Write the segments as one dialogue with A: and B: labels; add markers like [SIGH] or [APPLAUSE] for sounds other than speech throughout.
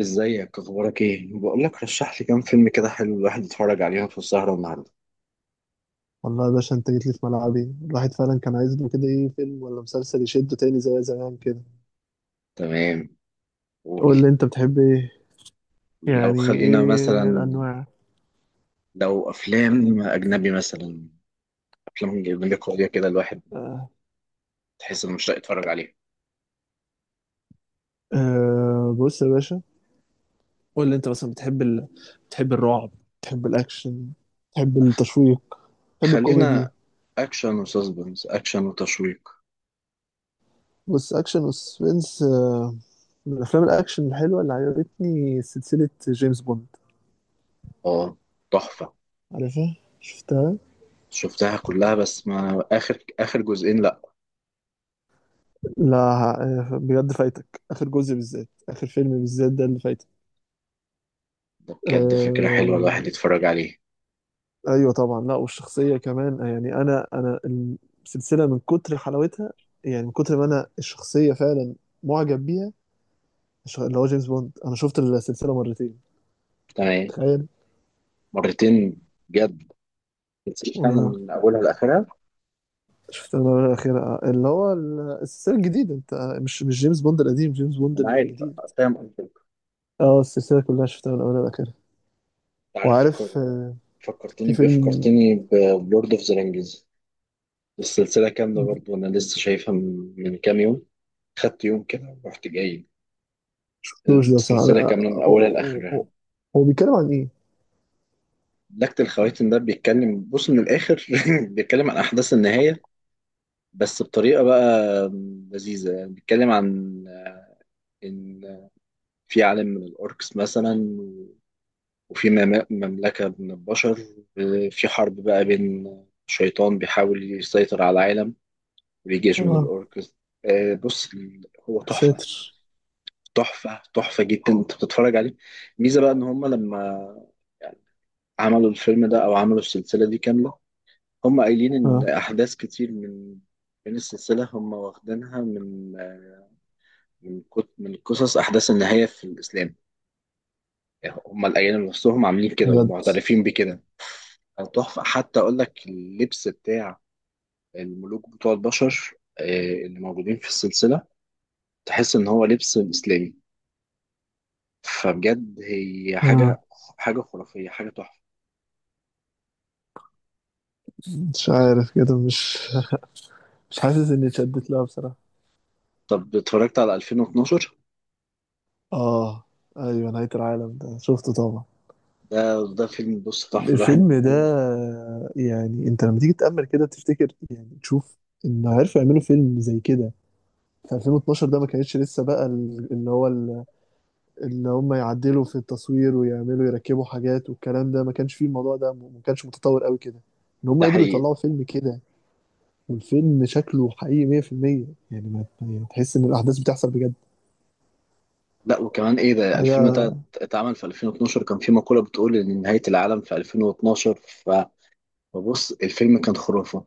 A: ازيك، اخبارك ايه؟ بقول لك، رشح لي كام فيلم كده حلو الواحد يتفرج عليهم في السهرة النهاردة.
B: والله يا باشا، انت جيت لي في ملعبي. الواحد فعلا كان عايز له كده. ايه فيلم ولا مسلسل يشده تاني زي زمان كده؟
A: تمام. قول.
B: قول لي انت بتحب ايه؟
A: لو
B: يعني
A: خلينا
B: ايه
A: مثلا،
B: الانواع؟
A: لو افلام اجنبي مثلا، افلام اجنبي قوية كده الواحد
B: آه.
A: تحس انه مشتاق يتفرج عليها.
B: آه، بص يا باشا. قول لي انت مثلا بتحب الرعب؟ بتحب الاكشن؟ بتحب التشويق؟ بتحب الكوميدي؟
A: خلينا اكشن وتشويق.
B: بص، اكشن وسسبنس. من افلام الاكشن الحلوه اللي عجبتني سلسله جيمس بوند.
A: اه، تحفة.
B: عارفها؟ شفتها؟
A: شفتها كلها بس ما اخر جزئين، لا.
B: لا. بجد فايتك اخر جزء. بالذات اخر فيلم بالذات ده اللي فايتك.
A: ده بجد فكرة حلوة الواحد
B: آه،
A: يتفرج عليه.
B: ايوه طبعا. لا، والشخصيه كمان. يعني انا السلسله من كتر حلاوتها. يعني من كتر ما انا الشخصيه فعلا معجب بيها. اللي هو جيمس بوند، انا شفت السلسله مرتين.
A: تمام.
B: تخيل.
A: مرتين؟ بجد؟ تسيب
B: وانا
A: من اولها لاخرها؟
B: شفت المره الاخيره. اللي هو السلسله الجديده. انت، مش جيمس بوند القديم، جيمس بوند
A: انا عارف،
B: الجديد.
A: فاهم قصدك.
B: اه، السلسله كلها شفتها من اولها لاخرها.
A: عارف،
B: وعارف. في
A: فكرتني بايه
B: فيلم.
A: فكرتني بلورد اوف ذا رينجز. السلسله كامله برضو انا لسه شايفها من كام يوم. خدت يوم كده ورحت جاي.
B: شفتوش ده بصراحه؟
A: السلسله كامله من
B: هو
A: اولها
B: هو-
A: لاخرها.
B: هو- هو بيتكلم عن ايه؟
A: لكت الخواتم ده بيتكلم، بص من الاخر [LAUGHS] بيتكلم عن احداث النهايه، بس بطريقه بقى لذيذه. يعني بيتكلم عن ان في عالم من الاوركس مثلا، وفي مملكة من البشر، في حرب بقى بين شيطان بيحاول يسيطر على العالم وجيش من
B: اه،
A: الأوركس. بص، هو تحفة.
B: ساتر.
A: تحفة تحفة جدا انت بتتفرج عليه. ميزة بقى ان هما لما عملوا الفيلم ده او عملوا السلسلة دي كاملة، هما قايلين ان
B: اه،
A: احداث كتير من السلسلة هما واخدينها من من قصص احداث النهاية في الاسلام. يعني هما اللي قايلين نفسهم عاملين كده
B: بجد.
A: ومعترفين بكده. تحفة. حتى أقول لك اللبس بتاع الملوك بتوع البشر اللي موجودين في السلسلة تحس إن هو لبس إسلامي. فبجد هي
B: آه.
A: حاجة، حاجة خرافية، حاجة تحفة.
B: مش عارف كده. مش حاسس اني اتشدت لها بصراحة.
A: طب اتفرجت على 2012؟
B: اه، ايوه. نهاية العالم ده شفته طبعا.
A: ده فيلم، بص، تحفة الواحد.
B: الفيلم ده يعني انت لما تيجي تأمل كده، تفتكر يعني، تشوف ان عرفوا يعملوا فيلم زي كده في 2012 ده. ما كانتش لسه بقى اللي هو اللي هم يعدلوا في التصوير ويعملوا يركبوا حاجات والكلام ده. ما كانش فيه الموضوع ده، ما كانش متطور قوي كده. ان هم
A: ده
B: قدروا
A: حقيقي.
B: يطلعوا فيلم كده. والفيلم شكله حقيقي 100%. يعني ما يعني، تحس ان الاحداث بتحصل بجد
A: لا، وكمان إيه، ده الفيلم
B: حاجة.
A: ده اتعمل في 2012، كان في مقولة بتقول إن نهاية العالم في 2012، فبص الفيلم كان خرافة.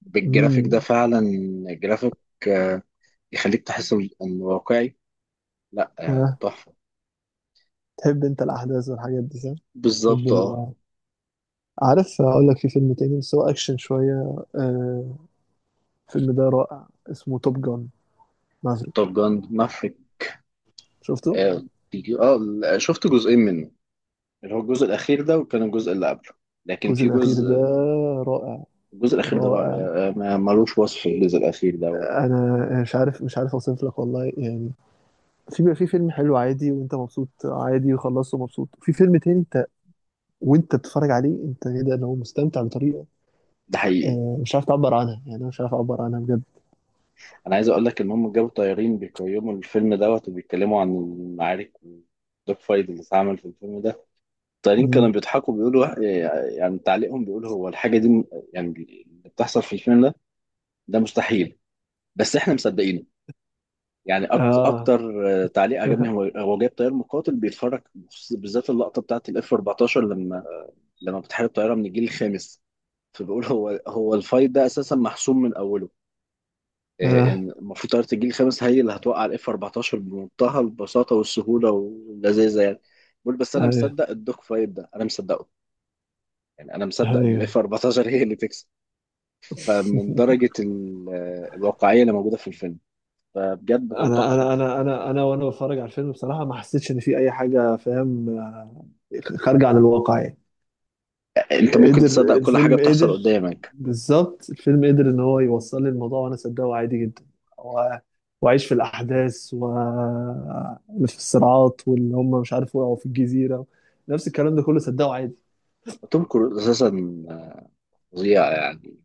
A: بالجرافيك ده
B: امم
A: فعلا. جرافيك آه، يخليك تحس إنه واقعي. لا
B: آه.
A: تحفة.
B: تحب انت الاحداث والحاجات دي، صح؟ تحب
A: بالظبط، اه.
B: ال... عارف اقول لك، في فيلم تاني بس هو اكشن شويه. آه. الفيلم ده رائع، اسمه توب جان
A: توب
B: مافريك.
A: جان مافريك.
B: شفته؟
A: اه، لا، شفت جزئين منه، اللي هو الجزء الأخير ده، وكان الجزء اللي قبله، لكن
B: الجزء
A: في
B: الاخير ده
A: جزء.
B: رائع،
A: الجزء الأخير ده رائع.
B: رائع.
A: ملوش وصف الجزء الأخير ده.
B: انا مش عارف اوصف لك والله يعني. في فيلم حلو عادي وانت مبسوط، عادي وخلصته مبسوط. في فيلم تاني، انت وانت بتتفرج عليه انت كده، لو مستمتع بطريقه.
A: ده حقيقي.
B: آه. مش عارف تعبر عنها يعني. انا مش عارف اعبر عنها بجد.
A: أنا عايز أقول لك إن هم جابوا طيارين بيقيموا الفيلم دوت وبيتكلموا عن المعارك والدوج فايت اللي اتعمل في الفيلم ده. الطيارين كانوا
B: امم
A: بيضحكوا بيقولوا، يعني تعليقهم بيقول، هو الحاجة دي يعني اللي بتحصل في الفيلم ده ده مستحيل، بس إحنا مصدقين يعني.
B: اه.
A: اكتر تعليق عجبني
B: [LAUGHS]
A: هو جايب طيار مقاتل بيتفرج بالذات اللقطه بتاعت الاف 14 لما بتحارب طياره من الجيل الخامس، فبيقول هو الفايت ده اساسا محسوم من اوله.
B: اه،
A: ان المفروض طياره الجيل الخامس هي اللي هتوقع الاف 14 بمنتهى البساطه والسهوله واللذاذه يعني. بيقول، بس انا
B: ايوه،
A: مصدق الدوك فايت ده، انا مصدقه. يعني انا مصدق ان الاف
B: ايوه.
A: 14 هي اللي تكسب. فمن درجه الواقعيه اللي موجوده في الفيلم، فبجد هو
B: انا
A: تحفه.
B: انا انا انا انا وانا بتفرج على الفيلم بصراحه، ما حسيتش ان في اي حاجه، فاهم، خارجه عن الواقع يعني.
A: انت ممكن
B: قدر
A: تصدق كل حاجه
B: الفيلم،
A: بتحصل
B: قدر.
A: قدامك.
B: بالظبط، الفيلم قدر ان هو يوصل لي الموضوع وانا صدقه عادي جدا. و- واعيش في الاحداث وفي الصراعات واللي هم مش عارف وقعوا في الجزيره. نفس الكلام ده كله صدقه عادي.
A: توم كروز اساسا فظيع يعني،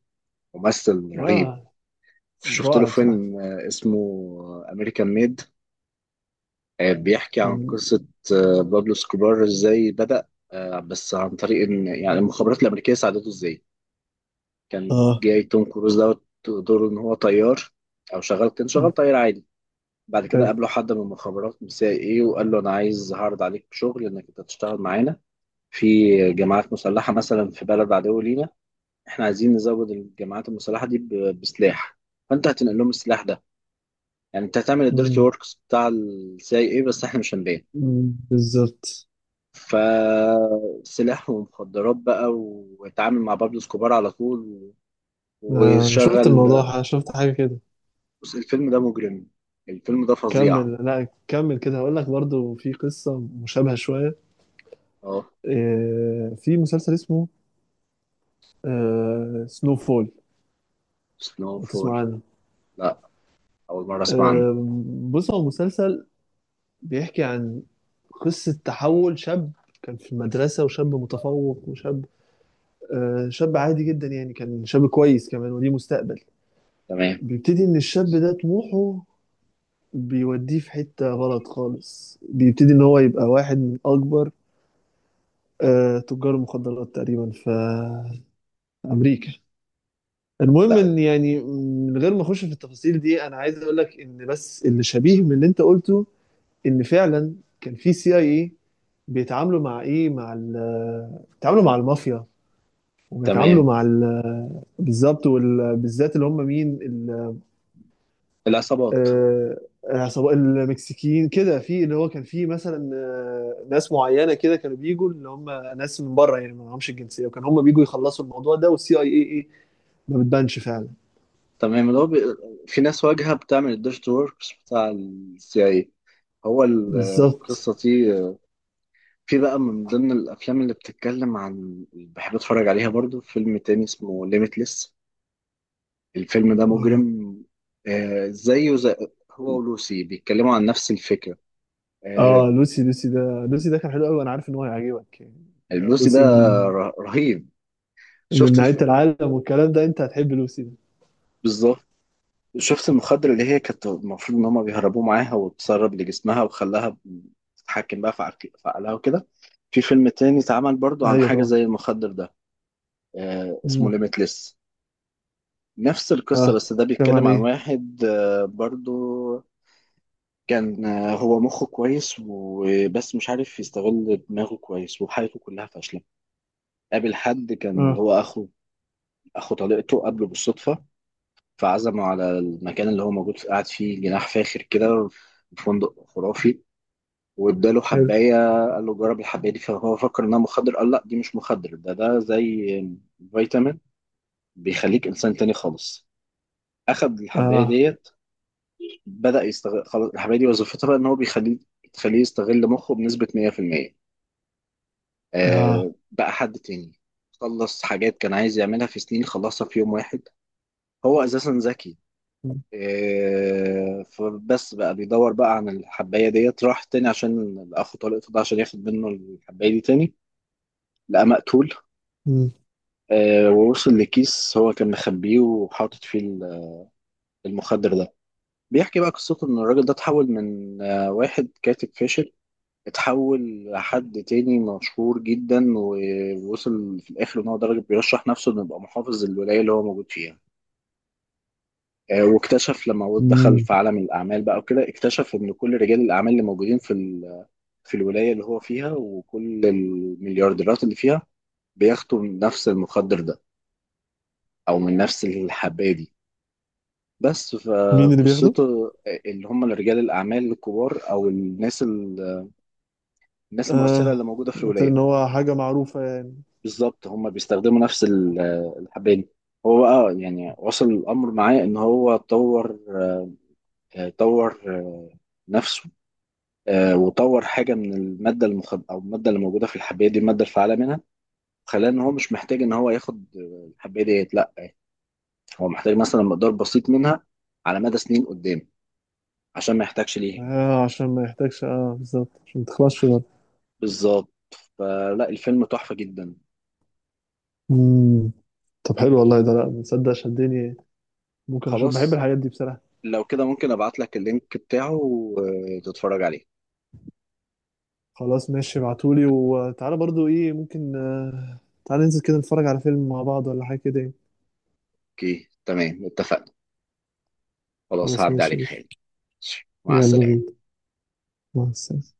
A: ممثل رهيب.
B: اه،
A: شفت له
B: رائع بصراحه.
A: فيلم اسمه امريكان ميد. بيحكي عن
B: أم...
A: قصة بابلو سكوبار، ازاي بدأ، بس عن طريق ان يعني المخابرات الامريكية ساعدته ازاي. كان
B: اه.
A: جاي توم كروز دوت دوره ان هو طيار، او شغال، كان
B: أم،
A: شغال طيار عادي. بعد كده
B: حلو.
A: قابله حد من المخابرات، من سي ايه، وقال له انا عايز، هعرض عليك شغل انك انت تشتغل معانا في جماعات مسلحة مثلا في بلد عدو لينا. احنا عايزين نزود الجماعات المسلحه دي بسلاح، فانت هتنقل لهم السلاح ده. يعني انت هتعمل الديرتي
B: أم،
A: وركس بتاع السي ايه، بس احنا مش هنبين.
B: أم، بالظبط.
A: فسلاح ومخدرات بقى، واتعامل مع بابلو اسكوبار على طول
B: آه، شفت
A: وشغل.
B: الموضوع. شفت حاجه كده.
A: بص الفيلم ده مجرم. الفيلم ده فظيع.
B: كمل. لا، كمل كده، هقول لك برضو في قصة مشابهة شوية.
A: اه.
B: في مسلسل اسمه سنو فول.
A: سنو
B: لو
A: فول.
B: تسمع عنه.
A: لا، اول مره اسمع عنه.
B: آه، بص هو مسلسل بيحكي عن قصة تحول شاب. كان في المدرسة وشاب متفوق وشاب، شاب عادي جدا يعني. كان شاب كويس كمان وليه مستقبل.
A: تمام.
B: بيبتدي إن الشاب ده طموحه بيوديه في حتة غلط خالص. بيبتدي إن هو يبقى واحد من أكبر تجار المخدرات تقريبا في أمريكا. المهم
A: لا.
B: ان يعني، من غير ما اخش في التفاصيل دي، انا عايز اقول لك ان بس اللي شبيه من اللي انت قلته، ان فعلا كان في CIA بيتعاملوا مع ايه؟ مع ال بيتعاملوا مع المافيا، وبيتعاملوا
A: تمام.
B: مع ال بالظبط. وبالذات اللي هم مين
A: العصابات.
B: عصابة المكسيكيين كده. في اللي هو كان في مثلا ناس معينه كده، كانوا بيجوا اللي هم ناس من بره يعني. ما معهمش الجنسيه. وكان هم بيجوا يخلصوا الموضوع ده والسي اي اي ايه ما بتبانش فعلا.
A: تمام. في ناس واجهه بتعمل الديرتي وركس بتاع السي اي، هو
B: بالظبط.
A: القصة دي. في بقى من ضمن الافلام اللي بتتكلم عن، بحب اتفرج عليها برضو، فيلم تاني اسمه ليميتلس. الفيلم ده مجرم. آه زيه زي، هو ولوسي بيتكلموا عن نفس الفكرة. آه،
B: اه، لوسي ده. لوسي ده كان حلو قوي وانا عارف ان هو هيعجبك يعني. ده
A: لوسي ده
B: لوسي من
A: رهيب.
B: من
A: شفت
B: نهاية
A: الف...
B: العالم والكلام ده. انت هتحب لوسي ده.
A: بالظبط. شفت المخدر اللي هي كانت المفروض ان هما بيهربوا معاها، وتسرب لجسمها، وخلاها تتحكم بقى في عقلها وكده. في فيلم تاني اتعمل برضو عن
B: ايوه
A: حاجة
B: طبعا.
A: زي المخدر ده، آه، اسمه
B: مم.
A: ليميتلس. نفس القصة،
B: اه،
A: بس ده
B: كمان
A: بيتكلم عن
B: ايه؟
A: واحد برضو، كان هو مخه كويس، وبس مش عارف يستغل دماغه كويس، وحياته كلها فاشلة. قابل حد كان
B: اه،
A: هو أخو طليقته، قابله بالصدفة، فعزمه على المكان اللي هو موجود قاعد فيه، جناح فاخر كده في فندق خرافي، واداله
B: حلو.
A: حباية. قال له جرب الحباية دي. فهو فكر إنها مخدر، قال لا دي مش مخدر، ده زي فيتامين، بيخليك إنسان تاني خالص. أخد الحباية
B: اه.
A: ديت، بدأ يستغل، خلاص الحمادي وظيفتها بقى ان هو تخليه يستغل مخه بنسبة 100%،
B: اه.
A: آه بقى حد تاني. خلص حاجات كان عايز يعملها في سنين، خلصها في يوم واحد. هو اساسا ذكي. آه، فبس بقى بيدور بقى عن الحباية ديت، راح تاني عشان اخو طليقته ده، عشان ياخد منه الحباية دي تاني، لقى مقتول.
B: مم.
A: آه، ووصل لكيس هو كان مخبيه، وحاطط فيه المخدر ده. بيحكي بقى قصته ان الراجل ده اتحول من واحد كاتب فاشل، اتحول لحد تاني مشهور جدا، ووصل في الآخر إن هو درجة بيرشح نفسه إنه يبقى محافظ للولاية اللي هو موجود فيها. واكتشف لما هو دخل
B: مم.
A: في عالم الأعمال بقى وكده، اكتشف إن كل رجال الأعمال اللي موجودين في في الولاية اللي هو فيها، وكل المليارديرات اللي فيها بياخدوا من نفس المخدر ده أو من نفس الحباية دي، بس
B: مين اللي بياخده؟
A: فقصته. اللي هم رجال الأعمال الكبار أو الناس الناس المؤثرة
B: اه،
A: اللي موجودة في
B: قلت
A: الولاية.
B: ان هو حاجة معروفة يعني.
A: بالظبط، هما بيستخدموا نفس الحباية دي. هو بقى يعني وصل الأمر معاه إن هو طور نفسه. وطور حاجة من المادة المخد أو المادة اللي موجودة في الحباية دي، المادة الفعالة منها، خلاه إن هو مش محتاج إن هو ياخد الحباية ديت، لأ. هو محتاج مثلا مقدار بسيط منها على مدى سنين قدام، عشان ما يحتاجش ليها.
B: اه، عشان ما يحتاجش. اه، بالظبط، عشان ما تخلصش برضه.
A: بالظبط. فلا الفيلم تحفة جدا.
B: مم. طب، حلو والله، ده لا تصدق شدني. ممكن اشوف، بحب
A: خلاص،
B: الحاجات دي بصراحة.
A: لو كده ممكن أبعت لك اللينك بتاعه وتتفرج عليه.
B: خلاص ماشي، ابعتولي. وتعالى برضو، ايه ممكن. تعالى ننزل كده نتفرج على فيلم مع بعض ولا حاجة كده يعني.
A: أوكي، تمام، اتفقنا. خلاص
B: خلاص،
A: هعدي
B: ماشي
A: عليك
B: ماشي.
A: حالا. مع
B: يلا
A: السلامة.
B: بينا. مع السلامة.